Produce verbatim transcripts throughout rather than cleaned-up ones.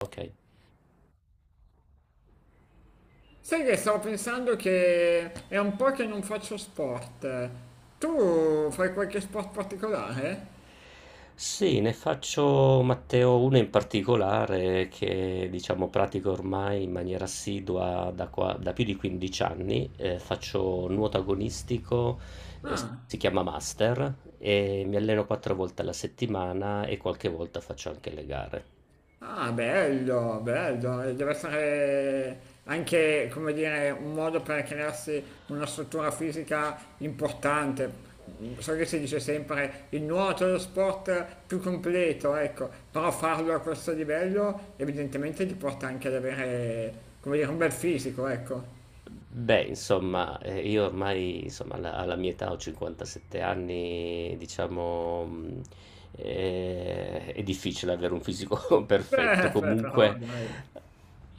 Ok. Sai che stavo pensando che è un po' che non faccio sport. Tu fai qualche sport particolare? Sì, ne faccio Matteo uno in particolare che diciamo pratico ormai in maniera assidua da, qua- da più di quindici anni. Eh, faccio nuoto agonistico. eh, Ah, Si chiama Master e mi alleno quattro volte alla settimana e qualche volta faccio anche le gare. ah, bello, bello. E deve essere anche, come dire, un modo per crearsi una struttura fisica importante. So che si dice sempre il nuoto è lo sport più completo, ecco, però farlo a questo livello evidentemente ti porta anche ad avere, come dire, un bel fisico, ecco. Beh, insomma, eh, io ormai, insomma, alla, alla mia età ho cinquantasette anni, diciamo, mh, eh, è difficile avere un fisico perfetto. Beh, beh, però Comunque, dai.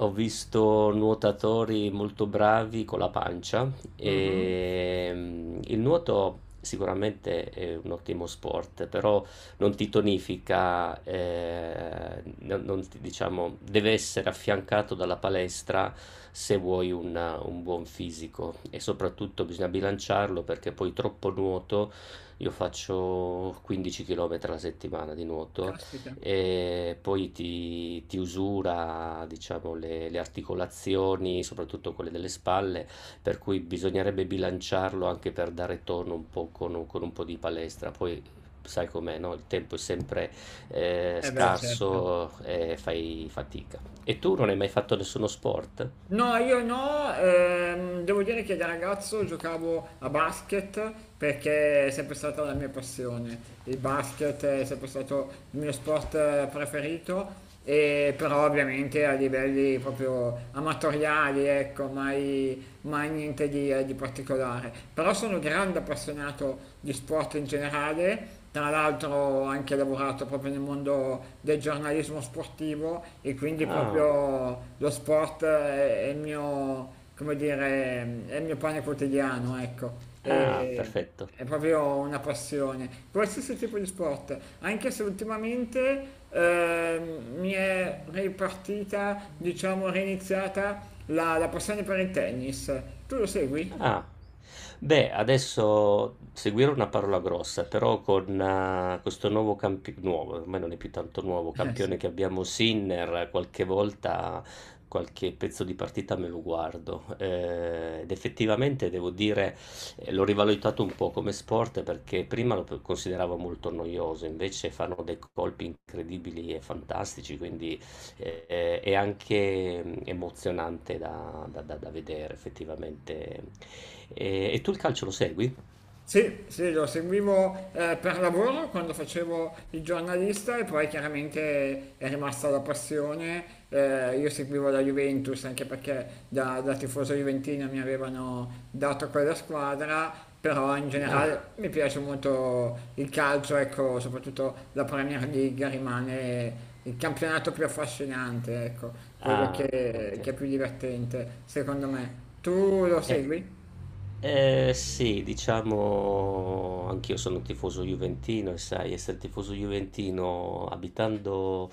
ho visto nuotatori molto bravi con la pancia Mh-mh. e mh, il nuoto sicuramente è un ottimo sport, però non ti tonifica, eh, non, non ti- diciamo, deve essere affiancato dalla palestra se vuoi un, un buon fisico e soprattutto bisogna bilanciarlo perché poi troppo nuoto, io faccio quindici chilometri alla settimana di nuoto Caspita. e poi ti, ti usura, diciamo, le, le articolazioni, soprattutto quelle delle spalle, per cui bisognerebbe bilanciarlo anche per dare tono un po' con, un con un po' di palestra. Poi sai com'è, no? Il tempo è sempre eh, Eh beh, certo. scarso e fai fatica. E tu non hai mai fatto nessuno sport? No, io no, ehm, devo dire che da ragazzo giocavo a basket perché è sempre stata la mia passione. Il basket è sempre stato il mio sport eh, preferito, e però ovviamente a livelli proprio amatoriali, ecco, mai, mai niente di, eh, di particolare. Però sono grande appassionato di sport in generale, tra l'altro anche lavoro lavorato proprio nel mondo del giornalismo sportivo e quindi Ah, proprio lo sport è, è il mio, come dire, è il mio pane quotidiano, ecco. ah, E- perfetto. è proprio una passione, qualsiasi tipo di sport, anche se ultimamente ehm, mi è ripartita, diciamo, riniziata la, la passione per il tennis. Tu lo segui? Ah, beh, adesso seguire una parola grossa, però con eh, questo nuovo campione, nuovo, ormai non è più tanto nuovo, Eh sì. campione che abbiamo Sinner, qualche volta qualche pezzo di partita me lo guardo. Eh, ed effettivamente devo dire, eh, l'ho rivalutato un po' come sport perché prima lo consideravo molto noioso, invece fanno dei colpi incredibili e fantastici, quindi eh, è anche mm, emozionante da, da- da- da vedere effettivamente e, e tu il calcio lo segui? Sì, sì, lo seguivo eh, per lavoro quando facevo il giornalista e poi chiaramente è rimasta la passione. Eh, io seguivo la Juventus anche perché da, da tifoso juventino mi avevano dato quella squadra, però in Ah, generale mi piace molto il calcio, ecco, soprattutto la Premier League rimane il campionato più affascinante, ecco, quello ah, che ok. che è più divertente, secondo me. Tu lo Eh, segui? eh, sì, diciamo, anch'io sono un tifoso juventino e sai, essere tifoso juventino abitando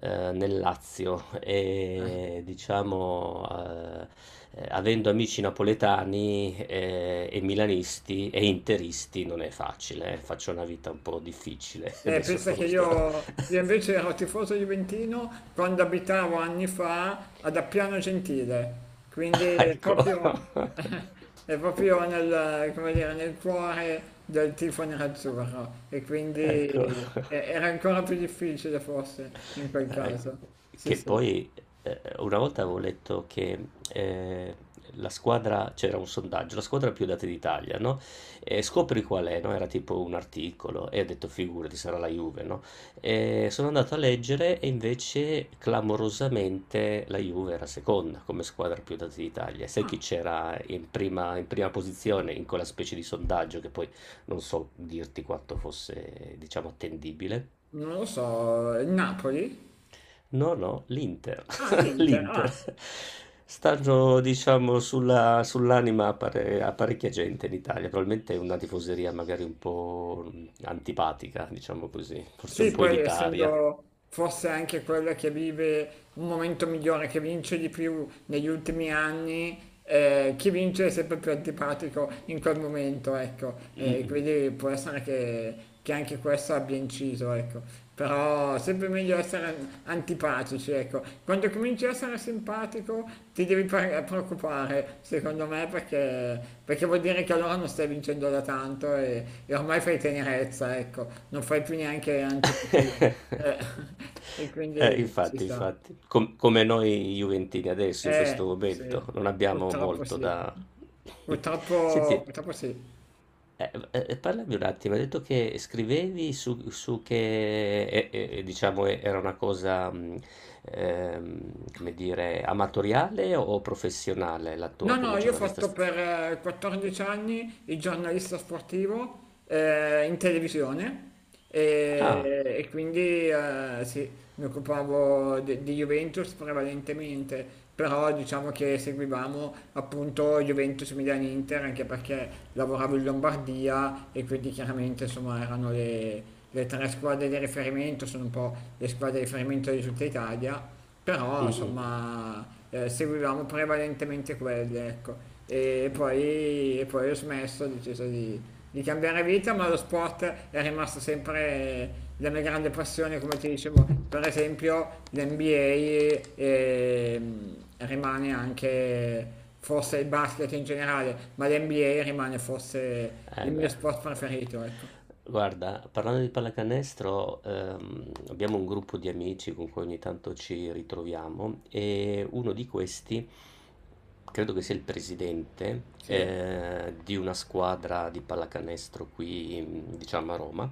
eh, nel Lazio e diciamo eh, eh, avendo amici napoletani eh, e milanisti e interisti non è facile, eh, faccio una vita un po' difficile. Eh, Adesso pensa sto, che sto... io, io invece ero tifoso juventino quando abitavo anni fa ad Appiano Gentile, quindi è Ecco. proprio, è proprio nel, come dire, nel cuore del tifo nerazzurro e quindi Ecco. eh, era ancora più difficile forse in quel Eh, caso. Sì, che sì, poi eh, una volta avevo letto che eh, la squadra, c'era un sondaggio, la squadra più data d'Italia, no? E scopri qual è, no? Era tipo un articolo e ho detto figurati, sarà la Juve, no? E sono andato a leggere e invece clamorosamente la Juve era seconda come squadra più data d'Italia. E sai chi c'era in prima, in prima posizione in quella specie di sondaggio che poi non so dirti quanto fosse, diciamo, attendibile? non lo so, il Napoli? No, no, l'Inter. Ah, l'Inter, L'Inter. ah. Stanno, diciamo, sulla- sull'anima a, pare- a parecchia gente in Italia. Probabilmente è una tifoseria magari un po' mh, antipatica, diciamo così, forse un Sì, po' poi elitaria. essendo forse anche quella che vive un momento migliore, che vince di più negli ultimi anni, eh, chi vince è sempre più antipatico in quel momento, ecco. Mm, E mm. quindi può essere che, che anche questo abbia inciso, ecco. Però sempre meglio essere an- antipatici, ecco. Quando cominci a essere simpatico ti devi pre- preoccupare, secondo me, perché, perché vuol dire che allora non stai vincendo da tanto e, e ormai fai tenerezza, ecco. Non fai più neanche antipatia. Eh, e Eh, quindi si infatti, sta. infatti, Com- come noi Juventini adesso, in questo Eh, momento, sì, non abbiamo purtroppo molto sì. da... Purtroppo, Senti, purtroppo sì. Eh, eh, eh, parlami un attimo, hai detto che scrivevi su, su che eh, eh, diciamo eh, era una cosa, mh, ehm, come dire, amatoriale o professionale la No, tua no, come io ho giornalista fatto sportivo? per eh, quattordici anni il giornalista sportivo eh, in televisione Ah, e, e quindi eh, sì, mi occupavo de- di Juventus prevalentemente, però diciamo che seguivamo appunto Juventus Milan Inter anche perché lavoravo in Lombardia e quindi chiaramente insomma erano le, le tre squadre di riferimento, sono un po' le squadre di riferimento di tutta Italia. Però insomma eh, seguivamo prevalentemente quelle, ecco. E poi, e poi ho smesso, ho deciso di, di cambiare vita, ma lo sport è rimasto sempre la mia grande passione, come ti dicevo. Per esempio, l'N B A ehm, rimane anche, forse il basket in generale, ma l'N B A rimane forse eh il mio beh, sport preferito, ecco. guarda, parlando di pallacanestro, ehm, abbiamo un gruppo di amici con cui ogni tanto ci ritroviamo e uno di questi, credo che sia il presidente, Sì, eh, di una squadra di pallacanestro qui, mm, diciamo a Roma.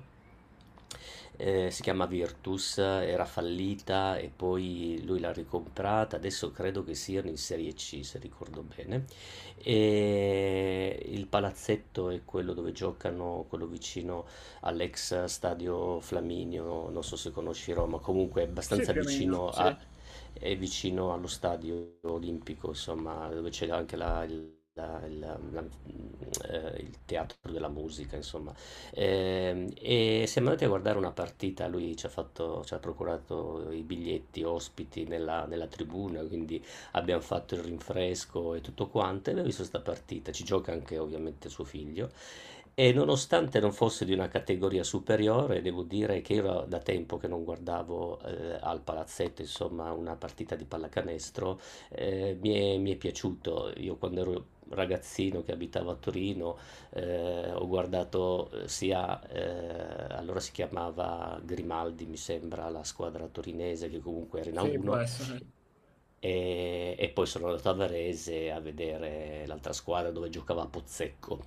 Ehm, si chiama Virtus, era fallita e poi lui l'ha ricomprata, adesso credo che siano in serie C se ricordo bene. E il palazzetto è quello dove giocano, quello vicino all'ex stadio Flaminio, non so se conosci Roma, comunque è sì, abbastanza più o meno, vicino sì, a- è vicino allo stadio olimpico, insomma, dove c'è anche la- il la- il- la- eh, il teatro della musica, insomma. Ehm, E, siamo andati a guardare una partita, lui ci ha fatto- ci ha procurato i biglietti ospiti nella, nella tribuna, quindi abbiamo fatto il rinfresco e tutto quanto, e abbiamo visto questa partita, ci gioca anche ovviamente suo figlio, e nonostante non fosse di una categoria superiore, devo dire che io era da tempo che non guardavo eh, al palazzetto, insomma, una partita di pallacanestro, eh, mi è, mi è piaciuto. Io quando ero ragazzino che abitavo a Torino, eh, ho guardato eh, sia, eh, allora si chiamava Grimaldi, mi sembra, la squadra torinese che comunque era in sì, può A uno essere. e, e poi sono andato a Varese a vedere l'altra squadra dove giocava Pozzecco.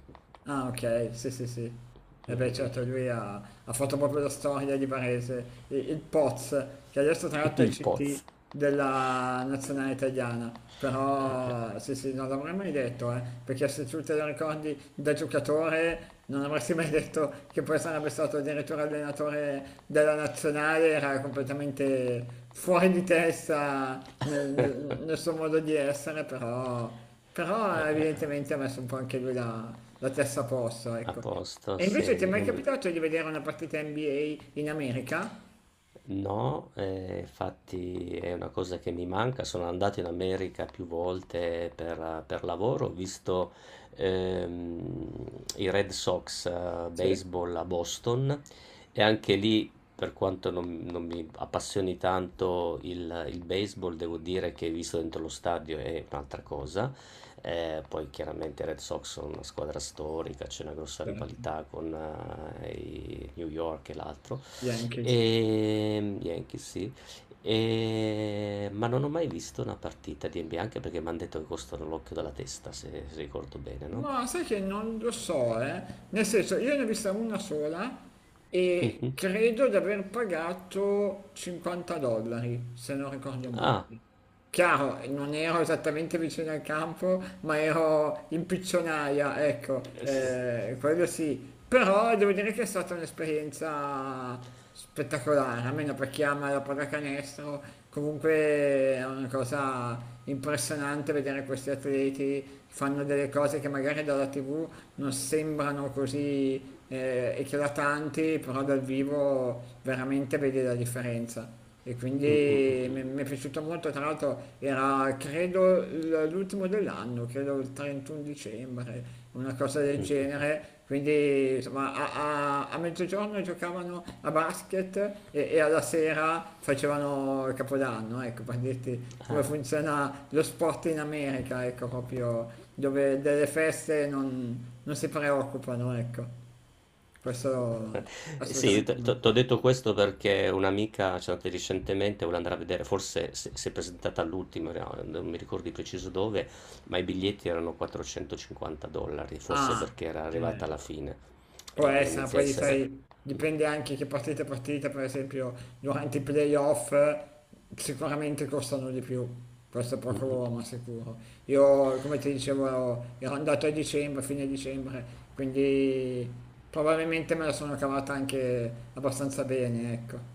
Ah okay, sì, sì, sì. E beh certo lui ha ha fatto proprio la storia di Varese, i il Poz, che adesso tra l'altro è Il C T Poz. della nazionale italiana, però sì, sì, non l'avrei mai detto, eh, perché se tu te lo ricordi da giocatore non avresti mai detto che poi sarebbe stato addirittura allenatore della nazionale, era completamente fuori di testa nel nel nel suo modo di essere, però però evidentemente ha messo un po' anche lui la, la testa a posto, A ecco. posto, E sì, invece ti è mai io me, capitato di vedere una partita N B A in America? no, eh, infatti è una cosa che mi manca. Sono andato in America più volte per, per lavoro, ho visto ehm, i Red Sox, eh, Sì, baseball a Boston, e anche lì, per quanto non, non mi appassioni tanto il, il baseball, devo dire che visto dentro lo stadio è un'altra cosa. Eh, poi chiaramente i Red Sox sono una squadra storica, c'è una grossa certo. rivalità con eh, i New York e l'altro. Yankees. Ehm, Yankees, sì. Ehm, ma non ho mai visto una partita di N B A, anche perché mi hanno detto che costano l'occhio dalla testa, se, se ricordo bene, no? Ma sai che non lo so, eh? Nel senso, io ne ho vista una sola e Mhm. credo di aver pagato cinquanta dollari, se non ricordo male. Ah, Chiaro, non ero esattamente vicino al campo, ma ero in piccionaia, ecco, eh sì. eh, quello sì. Però devo dire che è stata un'esperienza spettacolare, almeno per chi ama la pallacanestro. Comunque è una cosa impressionante vedere questi atleti che fanno delle cose che magari dalla T V non sembrano così eh, eclatanti, però dal vivo veramente vedi la differenza. E quindi mi, mi è piaciuto molto, tra l'altro era credo l- l'ultimo dell'anno, credo il trentuno dicembre, una cosa del genere. Quindi insomma a, a- a mezzogiorno giocavano a basket e, e alla sera facevano il Capodanno, ecco, per dirti come funziona lo sport in America, ecco, proprio dove delle feste non, non si preoccupano, ecco. Questo Eh sì, assolutamente ti no. ho detto questo perché un'amica, cioè, di recentemente voleva andare a vedere, forse se- si è presentata all'ultimo, no, non mi ricordo di preciso dove, ma i biglietti erano quattrocentocinquanta dollari, forse Ah, perché era arrivata alla eh, fine può e e essere, inizia a poi essere... sai, Mm, dipende anche che partite partite, per esempio, durante i playoff sicuramente costano di più, questo è poco mm, ma sicuro. Io, come ti dicevo, ero andato a dicembre, fine dicembre, quindi probabilmente me la sono cavata anche abbastanza bene, ecco.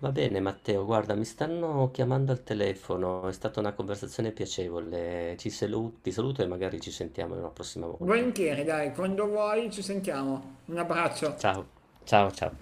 va bene Matteo, guarda, mi stanno chiamando al telefono, è stata una conversazione piacevole. Ci salu- ti saluto e magari ci sentiamo una prossima volta. Volentieri, dai, quando vuoi ci sentiamo. Un abbraccio. Ciao. Ciao ciao.